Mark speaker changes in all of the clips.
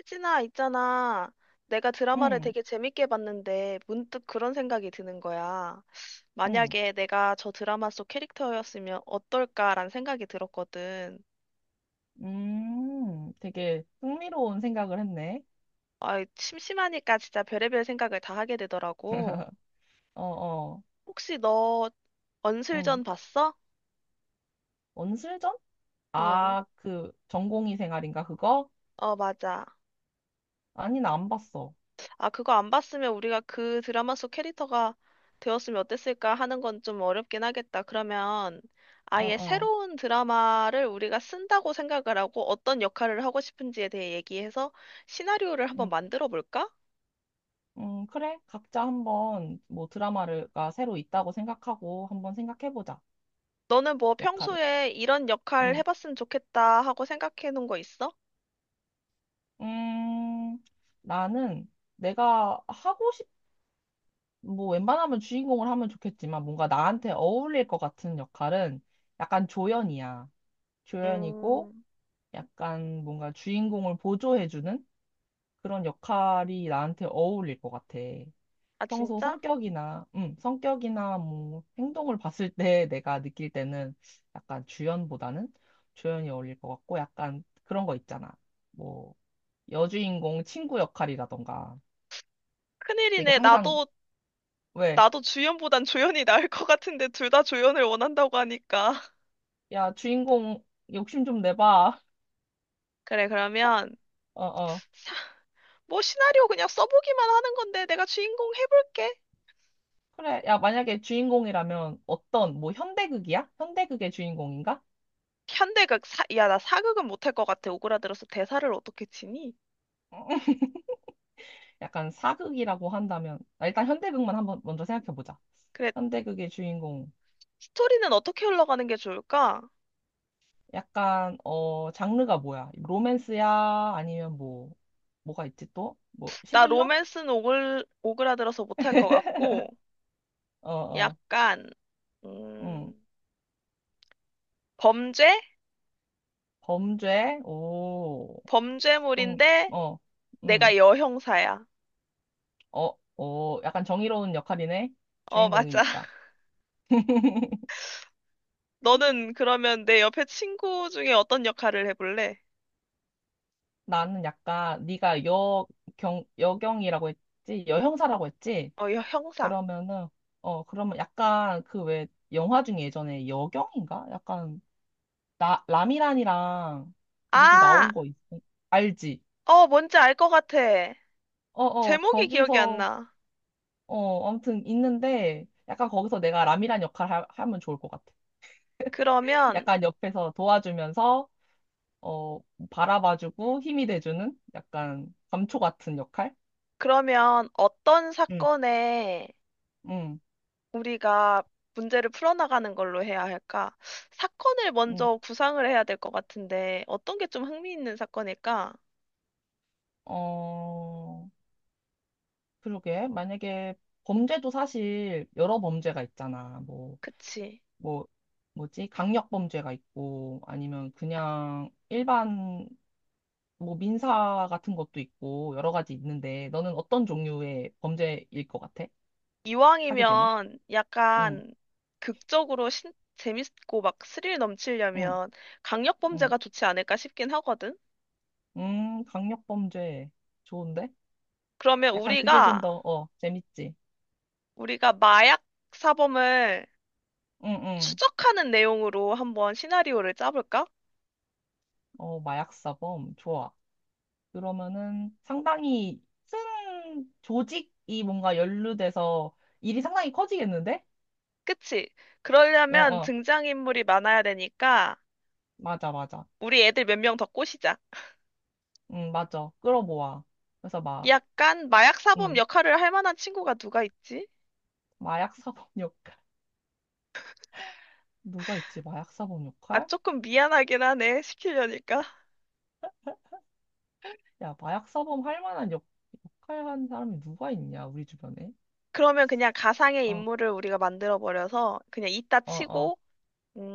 Speaker 1: 혜진아, 있잖아. 내가 드라마를
Speaker 2: 응,
Speaker 1: 되게 재밌게 봤는데 문득 그런 생각이 드는 거야.
Speaker 2: 응,
Speaker 1: 만약에 내가 저 드라마 속 캐릭터였으면 어떨까라는 생각이 들었거든.
Speaker 2: 되게 흥미로운 생각을 했네.
Speaker 1: 아, 심심하니까 진짜 별의별 생각을 다 하게 되더라고.
Speaker 2: 어, 어,
Speaker 1: 혹시 너
Speaker 2: 응.
Speaker 1: 언슬전 봤어?
Speaker 2: 원술전?
Speaker 1: 어,
Speaker 2: 아, 그 전공의 생활인가 그거?
Speaker 1: 어, 맞아.
Speaker 2: 아니, 나 안 봤어.
Speaker 1: 아, 그거 안 봤으면 우리가 그 드라마 속 캐릭터가 되었으면 어땠을까 하는 건 좀 어렵긴 하겠다. 그러면
Speaker 2: 어,
Speaker 1: 아예
Speaker 2: 어,
Speaker 1: 새로운 드라마를 우리가 쓴다고 생각을 하고 어떤 역할을 하고 싶은지에 대해 얘기해서 시나리오를 한번
Speaker 2: 응,
Speaker 1: 만들어 볼까?
Speaker 2: 응, 그래. 각자 한번 뭐 드라마가 새로 있다고 생각하고 한번 생각해보자.
Speaker 1: 너는 뭐
Speaker 2: 역할을.
Speaker 1: 평소에 이런 역할
Speaker 2: 응,
Speaker 1: 해봤으면 좋겠다 하고 생각해 놓은 거 있어?
Speaker 2: 음, 나는 내가 하고 싶, 뭐 웬만하면 주인공을 하면 좋겠지만 뭔가 나한테 어울릴 것 같은 역할은 약간 조연이야. 조연이고
Speaker 1: 음,
Speaker 2: 약간 뭔가 주인공을 보조해주는 그런 역할이 나한테 어울릴 것 같아.
Speaker 1: 아,
Speaker 2: 평소
Speaker 1: 진짜?
Speaker 2: 성격이나 뭐 행동을 봤을 때 내가 느낄 때는 약간 주연보다는 조연이 어울릴 것 같고 약간 그런 거 있잖아. 뭐 여주인공 친구 역할이라던가 되게
Speaker 1: 큰일이네.
Speaker 2: 항상
Speaker 1: 나도,
Speaker 2: 왜?
Speaker 1: 나도 주연보단 조연이 나을 것 같은데 둘 다 조연을 원한다고 하니까.
Speaker 2: 야, 주인공 욕심 좀 내봐.
Speaker 1: 그래, 그러면.
Speaker 2: 어, 어.
Speaker 1: 뭐 시나리오 그냥 써보기만 하는 건데 내가 주인공 해볼게.
Speaker 2: 그래. 야, 만약에 주인공이라면 어떤, 뭐 현대극이야? 현대극의 주인공인가?
Speaker 1: 야, 나 사극은 못할 것 같아. 오그라들어서 대사를 어떻게 치니?
Speaker 2: 약간 사극이라고 한다면 아, 일단 현대극만 한번 먼저 생각해 보자.
Speaker 1: 그래,
Speaker 2: 현대극의 주인공
Speaker 1: 스토리는 어떻게 흘러가는 게 좋을까?
Speaker 2: 약간 장르가 뭐야? 로맨스야? 아니면 뭐 뭐가 있지 또? 뭐
Speaker 1: 나
Speaker 2: 스릴러?
Speaker 1: 로맨스는 오그라들어서 못할 것 같고,
Speaker 2: 어 어.
Speaker 1: 약간,
Speaker 2: 음.
Speaker 1: 음, 범죄?
Speaker 2: 범죄? 오. 그럼
Speaker 1: 범죄물인데
Speaker 2: 어.
Speaker 1: 내가
Speaker 2: 음.
Speaker 1: 여형사야.
Speaker 2: 어, 어 약간 정의로운 역할이네.
Speaker 1: 어, 맞아.
Speaker 2: 주인공이니까.
Speaker 1: 너는 그러면 내 옆에 친구 중에 어떤 역할을 해볼래?
Speaker 2: 나는 약간 네가 여경이라고 했지? 여형사라고 했지?
Speaker 1: 어, 형사.
Speaker 2: 그러면은 그러면 약간 그 왜 영화 중에 예전에 여경인가? 약간 나 라미란이랑 누구
Speaker 1: 아!
Speaker 2: 알지?
Speaker 1: 어, 뭔지 알 것 같아.
Speaker 2: 어 어
Speaker 1: 제목이 기억이 안
Speaker 2: 거기서
Speaker 1: 나.
Speaker 2: 아무튼 있는데 약간 거기서 내가 라미란 역할 하면 좋을 것 같아.
Speaker 1: 그러면,
Speaker 2: 약간 옆에서 도와주면서 어 바라봐주고 힘이 돼주는 약간 감초 같은 역할?
Speaker 1: 그러면 어떤
Speaker 2: 응,
Speaker 1: 사건에
Speaker 2: 응,
Speaker 1: 우리가 문제를 풀어나가는 걸로 해야 할까? 사건을
Speaker 2: 응.
Speaker 1: 먼저 구상을 해야 될 것 같은데, 어떤 게 좀 흥미있는 사건일까?
Speaker 2: 어 그러게 만약에 범죄도 사실 여러 범죄가 있잖아. 뭐
Speaker 1: 그치.
Speaker 2: 뭐, 뭐지? 강력범죄가 있고, 아니면 그냥 일반, 뭐, 민사 같은 것도 있고, 여러 가지 있는데, 너는 어떤 종류의 범죄일 것 같아? 하게 되면?
Speaker 1: 이왕이면
Speaker 2: 응,
Speaker 1: 약간 극적으로 재밌고 막 스릴
Speaker 2: 응,
Speaker 1: 넘치려면
Speaker 2: 응.
Speaker 1: 강력범죄가 좋지 않을까 싶긴 하거든?
Speaker 2: 강력범죄. 좋은데?
Speaker 1: 그러면
Speaker 2: 약간 그게 좀
Speaker 1: 우리가,
Speaker 2: 더, 재밌지?
Speaker 1: 우리가 마약 사범을
Speaker 2: 응, 응.
Speaker 1: 추적하는 내용으로 한번 시나리오를 짜볼까?
Speaker 2: 어, 마약사범. 좋아. 그러면은 상당히 큰 조직이 뭔가 연루돼서 일이 상당히 커지겠는데?
Speaker 1: 그치?
Speaker 2: 어,
Speaker 1: 그러려면
Speaker 2: 어.
Speaker 1: 등장인물이 많아야 되니까
Speaker 2: 맞아, 맞아.
Speaker 1: 우리 애들 몇 명 더 꼬시자.
Speaker 2: 응 맞아. 끌어모아. 그래서 막,
Speaker 1: 약간 마약 사범
Speaker 2: 응
Speaker 1: 역할을 할 만한 친구가 누가 있지?
Speaker 2: 마약 사범 역할. 누가 있지? 마약 사범
Speaker 1: 아,
Speaker 2: 역할?
Speaker 1: 조금 미안하긴 하네, 시키려니까.
Speaker 2: 야, 마약 사범 할 만한 역할 한 사람이 누가 있냐, 우리 주변에?
Speaker 1: 그러면 그냥 가상의
Speaker 2: 어,
Speaker 1: 인물을 우리가 만들어버려서 그냥 이따
Speaker 2: 어, 어.
Speaker 1: 치고,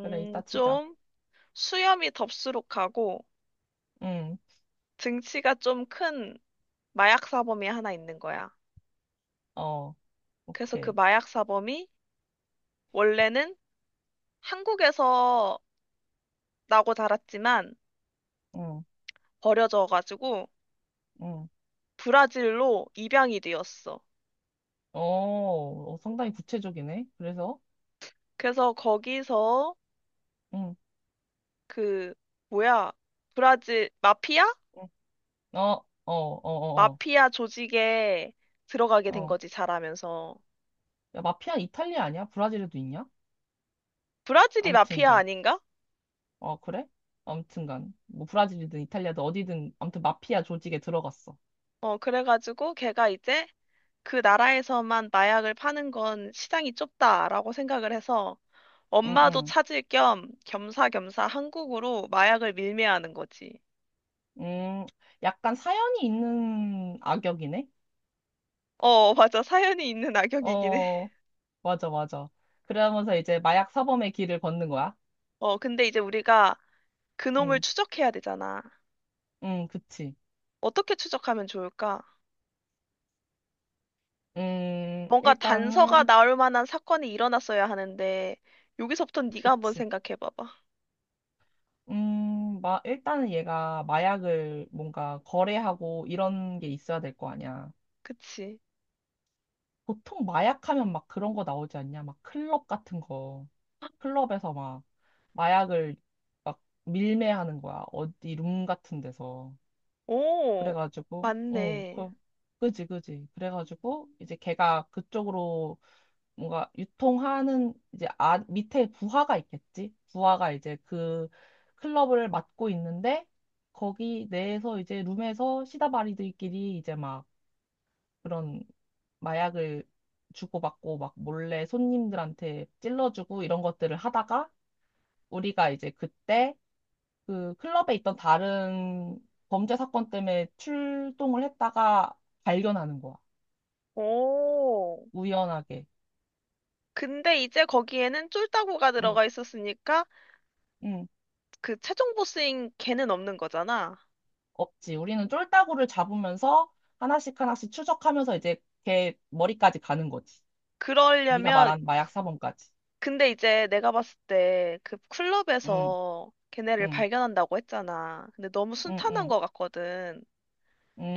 Speaker 2: 그래, 이따 치자.
Speaker 1: 좀 수염이 덥수룩하고
Speaker 2: 응,
Speaker 1: 등치가 좀 큰 마약 사범이 하나 있는 거야.
Speaker 2: 어,
Speaker 1: 그래서 그
Speaker 2: 오케이.
Speaker 1: 마약 사범이 원래는 한국에서 나고 자랐지만
Speaker 2: 응,
Speaker 1: 버려져가지고
Speaker 2: 응.
Speaker 1: 브라질로 입양이 되었어.
Speaker 2: 어, 어, 상당히 구체적이네. 그래서,
Speaker 1: 그래서 거기서
Speaker 2: 응,
Speaker 1: 그 뭐야, 브라질 마피아?
Speaker 2: 응. 어, 어, 어, 어,
Speaker 1: 마피아 조직에 들어가게
Speaker 2: 어.
Speaker 1: 된
Speaker 2: 어.
Speaker 1: 거지, 자라면서.
Speaker 2: 야, 마피아 이탈리아 아니야? 브라질에도 있냐?
Speaker 1: 브라질이
Speaker 2: 암튼,
Speaker 1: 마피아 아닌가?
Speaker 2: 그래? 아무튼간 뭐 브라질이든 이탈리아든 어디든 아무튼 마피아 조직에 들어갔어.
Speaker 1: 어, 그래가지고 걔가 이제 그 나라에서만 마약을 파는 건 시장이 좁다라고 생각을 해서
Speaker 2: 응,
Speaker 1: 엄마도
Speaker 2: 응.
Speaker 1: 찾을 겸 겸사겸사 한국으로 마약을 밀매하는 거지.
Speaker 2: 음, 약간 사연이 있는 악역이네.
Speaker 1: 어, 맞아, 사연이 있는 악역이긴 해.
Speaker 2: 어, 맞아, 맞아. 그러면서 이제 마약 사범의 길을 걷는 거야.
Speaker 1: 어, 근데 이제 우리가 그놈을
Speaker 2: 응,
Speaker 1: 추적해야 되잖아.
Speaker 2: 응, 그치.
Speaker 1: 어떻게 추적하면 좋을까? 뭔가 단서가
Speaker 2: 일단은
Speaker 1: 나올 만한 사건이 일어났어야 하는데 여기서부터 네가 한번
Speaker 2: 그치.
Speaker 1: 생각해 봐봐.
Speaker 2: 일단은 얘가 마약을 뭔가 거래하고 이런 게 있어야 될 거 아니야.
Speaker 1: 그치?
Speaker 2: 보통 마약하면 막 그런 거 나오지 않냐? 막 클럽 같은 거. 클럽에서 막 마약을 막 밀매하는 거야. 어디 룸 같은 데서.
Speaker 1: 오,
Speaker 2: 그래가지고, 응,
Speaker 1: 맞네.
Speaker 2: 그지, 그지. 그래가지고, 이제 걔가 그쪽으로 뭔가 유통하는 이제 밑에 부하가 있겠지? 부하가 이제 그 클럽을 맡고 있는데, 거기 내에서 이제 룸에서 시다바리들끼리 이제 막 그런 마약을 주고받고 막 몰래 손님들한테 찔러주고 이런 것들을 하다가 우리가 이제 그때 그 클럽에 있던 다른 범죄 사건 때문에 출동을 했다가 발견하는 거야.
Speaker 1: 오.
Speaker 2: 우연하게.
Speaker 1: 근데 이제 거기에는 쫄따구가
Speaker 2: 응,
Speaker 1: 들어가 있었으니까
Speaker 2: 응,
Speaker 1: 그 최종 보스인 걔는 없는 거잖아.
Speaker 2: 없지. 우리는 쫄따구를 잡으면서 하나씩 하나씩 추적하면서 이제 걔 머리까지 가는 거지. 네가
Speaker 1: 그러려면
Speaker 2: 말한 마약 사범까지.
Speaker 1: 근데 이제 내가 봤을 때 그
Speaker 2: 응,
Speaker 1: 클럽에서 걔네를
Speaker 2: 응,
Speaker 1: 발견한다고 했잖아. 근데 너무
Speaker 2: 응,
Speaker 1: 순탄한
Speaker 2: 응.
Speaker 1: 것 같거든.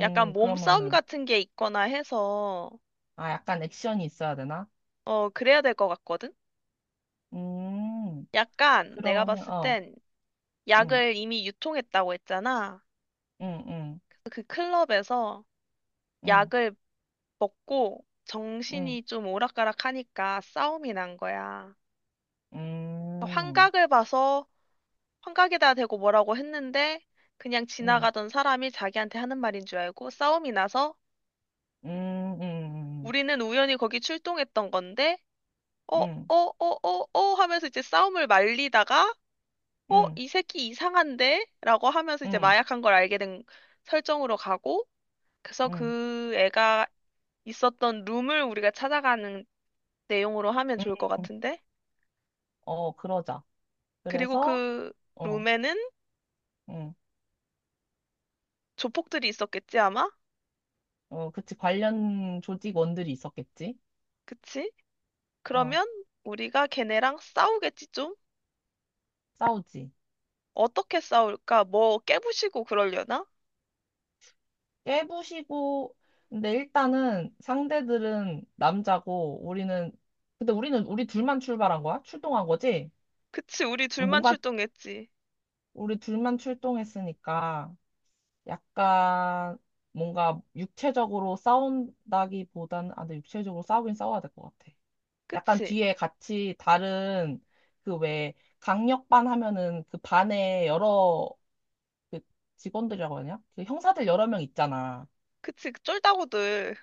Speaker 1: 약간 몸싸움
Speaker 2: 그러면은,
Speaker 1: 같은 게 있거나 해서.
Speaker 2: 아, 약간 액션이 있어야 되나?
Speaker 1: 어, 그래야 될 것 같거든?
Speaker 2: 음,
Speaker 1: 약간 내가
Speaker 2: 그러면,
Speaker 1: 봤을
Speaker 2: 어,
Speaker 1: 땐
Speaker 2: 응,
Speaker 1: 약을 이미 유통했다고 했잖아.
Speaker 2: 응, 응,
Speaker 1: 그 클럽에서
Speaker 2: 응,
Speaker 1: 약을 먹고
Speaker 2: 응,
Speaker 1: 정신이 좀 오락가락하니까 싸움이 난 거야.
Speaker 2: 응,
Speaker 1: 환각을 봐서 환각에다 대고 뭐라고 했는데 그냥
Speaker 2: 응.
Speaker 1: 지나가던 사람이 자기한테 하는 말인 줄 알고 싸움이 나서
Speaker 2: 음, 음,
Speaker 1: 우리는 우연히 거기 출동했던 건데 어, 어,
Speaker 2: 음,
Speaker 1: 어, 어, 어 하면서 이제 싸움을 말리다가 어,
Speaker 2: 음,
Speaker 1: 이 새끼 이상한데? 라고 하면서 이제
Speaker 2: 음,
Speaker 1: 마약한 걸 알게 된 설정으로 가고, 그래서
Speaker 2: 음,
Speaker 1: 그 애가 있었던 룸을 우리가 찾아가는 내용으로 하면
Speaker 2: 음,
Speaker 1: 좋을 것 같은데?
Speaker 2: 어, 그러자.
Speaker 1: 그리고
Speaker 2: 그래서,
Speaker 1: 그
Speaker 2: 어,
Speaker 1: 룸에는
Speaker 2: 음,
Speaker 1: 조폭들이 있었겠지, 아마?
Speaker 2: 어, 그치. 관련 조직원들이 있었겠지.
Speaker 1: 그치?
Speaker 2: 어,
Speaker 1: 그러면 우리가 걔네랑 싸우겠지, 좀?
Speaker 2: 싸우지.
Speaker 1: 어떻게 싸울까? 뭐 깨부시고 그러려나?
Speaker 2: 깨부시고, 근데 일단은 상대들은 남자고, 우리는, 근데 우리 둘만 출발한 거야? 출동한 거지?
Speaker 1: 그치, 우리 둘만
Speaker 2: 뭔가
Speaker 1: 출동했지.
Speaker 2: 우리 둘만 출동했으니까, 약간, 뭔가 육체적으로 싸운다기보다는, 아, 근데 육체적으로 싸우긴 싸워야 될 것 같아. 약간
Speaker 1: 그치?
Speaker 2: 뒤에 같이 다른 그 왜 강력반 하면은 그 반에 여러 그 직원들이라고 하냐? 그 형사들 여러 명 있잖아.
Speaker 1: 그치, 쫄다구들.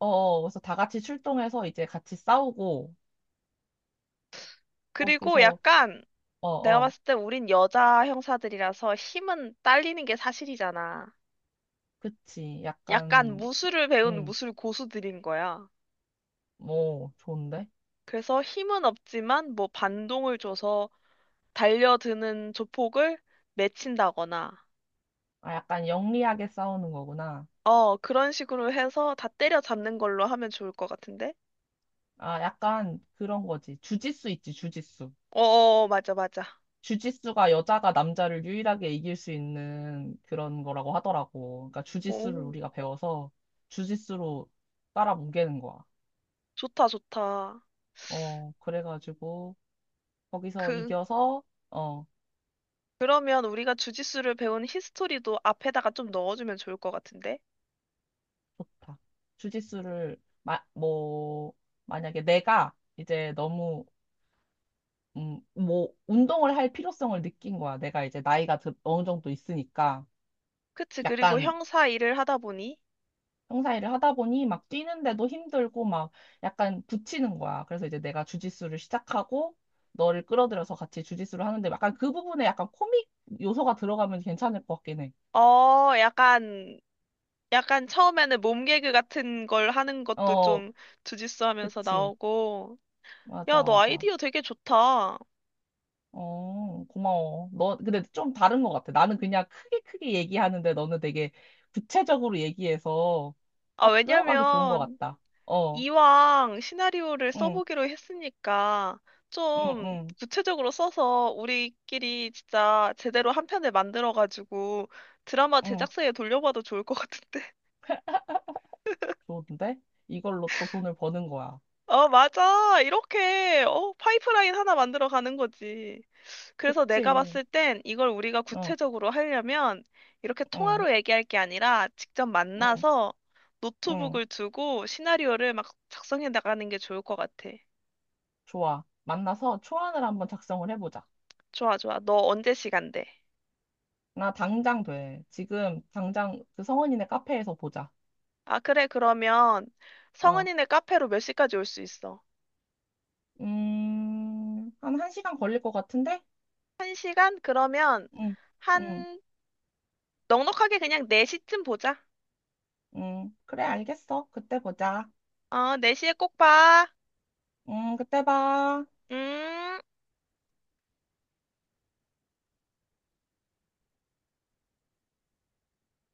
Speaker 2: 어, 어, 그래서 다 같이 출동해서 이제 같이 싸우고
Speaker 1: 그리고
Speaker 2: 거기서
Speaker 1: 약간,
Speaker 2: 어,
Speaker 1: 내가
Speaker 2: 어,
Speaker 1: 봤을 때 우린 여자 형사들이라서 힘은 딸리는 게 사실이잖아.
Speaker 2: 그치.
Speaker 1: 약간
Speaker 2: 약간
Speaker 1: 무술을 배운
Speaker 2: 음,
Speaker 1: 무술 고수들인 거야.
Speaker 2: 뭐 좋은데?
Speaker 1: 그래서 힘은 없지만 뭐 반동을 줘서 달려드는 조폭을 맺힌다거나,
Speaker 2: 아, 약간 영리하게 싸우는 거구나.
Speaker 1: 어, 그런 식으로 해서 다 때려잡는 걸로 하면 좋을 것 같은데?
Speaker 2: 아, 약간 그런 거지. 주짓수 있지, 주짓수.
Speaker 1: 어, 어, 어, 맞아, 맞아.
Speaker 2: 주짓수가 여자가 남자를 유일하게 이길 수 있는 그런 거라고 하더라고. 그러니까 주짓수를
Speaker 1: 오,
Speaker 2: 우리가 배워서 주짓수로 깔아뭉개는 거야.
Speaker 1: 좋다, 좋다.
Speaker 2: 그래가지고 거기서
Speaker 1: 그,
Speaker 2: 이겨서 어,
Speaker 1: 그러면 우리가 주짓수를 배운 히스토리도 앞에다가 좀 넣어주면 좋을 것 같은데?
Speaker 2: 좋다. 주짓수를 뭐 만약에 내가 이제 너무 뭐 운동을 할 필요성을 느낀 거야. 내가 이제 나이가 어느 정도 있으니까
Speaker 1: 그치, 그리고
Speaker 2: 약간
Speaker 1: 형사 일을 하다 보니
Speaker 2: 형사 일을 하다 보니 막 뛰는데도 힘들고 막 약간 붙이는 거야. 그래서 이제 내가 주짓수를 시작하고 너를 끌어들여서 같이 주짓수를 하는데 약간 그 부분에 약간 코믹 요소가 들어가면 괜찮을 것 같긴 해.
Speaker 1: 어, 약간, 약간 처음에는 몸개그 같은 걸 하는 것도
Speaker 2: 어,
Speaker 1: 좀 주짓수 하면서
Speaker 2: 그치.
Speaker 1: 나오고.
Speaker 2: 맞아,
Speaker 1: 야, 너
Speaker 2: 맞아.
Speaker 1: 아이디어 되게 좋다. 아,
Speaker 2: 어, 고마워. 너, 근데 좀 다른 것 같아. 나는 그냥 크게 크게 얘기하는데 너는 되게 구체적으로 얘기해서 딱 끌어가기 좋은 것
Speaker 1: 왜냐면,
Speaker 2: 같다. 어,
Speaker 1: 이왕 시나리오를
Speaker 2: 응,
Speaker 1: 써보기로 했으니까,
Speaker 2: 응,
Speaker 1: 좀
Speaker 2: 응,
Speaker 1: 구체적으로 써서 우리끼리 진짜 제대로 한 편을 만들어가지고 드라마
Speaker 2: 응.
Speaker 1: 제작사에 돌려봐도 좋을 것 같은데.
Speaker 2: 좋은데? 이걸로 또 돈을 버는 거야.
Speaker 1: 어, 맞아. 이렇게, 파이프라인 하나 만들어 가는 거지. 그래서 내가
Speaker 2: 그치.
Speaker 1: 봤을 땐 이걸 우리가
Speaker 2: 응,
Speaker 1: 구체적으로 하려면 이렇게
Speaker 2: 응,
Speaker 1: 통화로 얘기할 게 아니라 직접
Speaker 2: 응,
Speaker 1: 만나서
Speaker 2: 응.
Speaker 1: 노트북을 두고 시나리오를 막 작성해 나가는 게 좋을 것 같아.
Speaker 2: 좋아. 만나서 초안을 한번 작성을 해보자.
Speaker 1: 좋아, 좋아. 너 언제 시간 돼?
Speaker 2: 나 당장 돼. 지금 당장 그 성원이네 카페에서 보자.
Speaker 1: 아, 그래. 그러면
Speaker 2: 어,
Speaker 1: 성은이네 카페로 몇 시까지 올 수 있어?
Speaker 2: 한 1시간 걸릴 것 같은데?
Speaker 1: 1시간 그러면
Speaker 2: 응, 응,
Speaker 1: 한 넉넉하게 그냥 4시쯤 보자.
Speaker 2: 응. 그래, 알겠어. 그때 보자.
Speaker 1: 어, 4시에 꼭 봐.
Speaker 2: 응, 그때 봐.
Speaker 1: 음.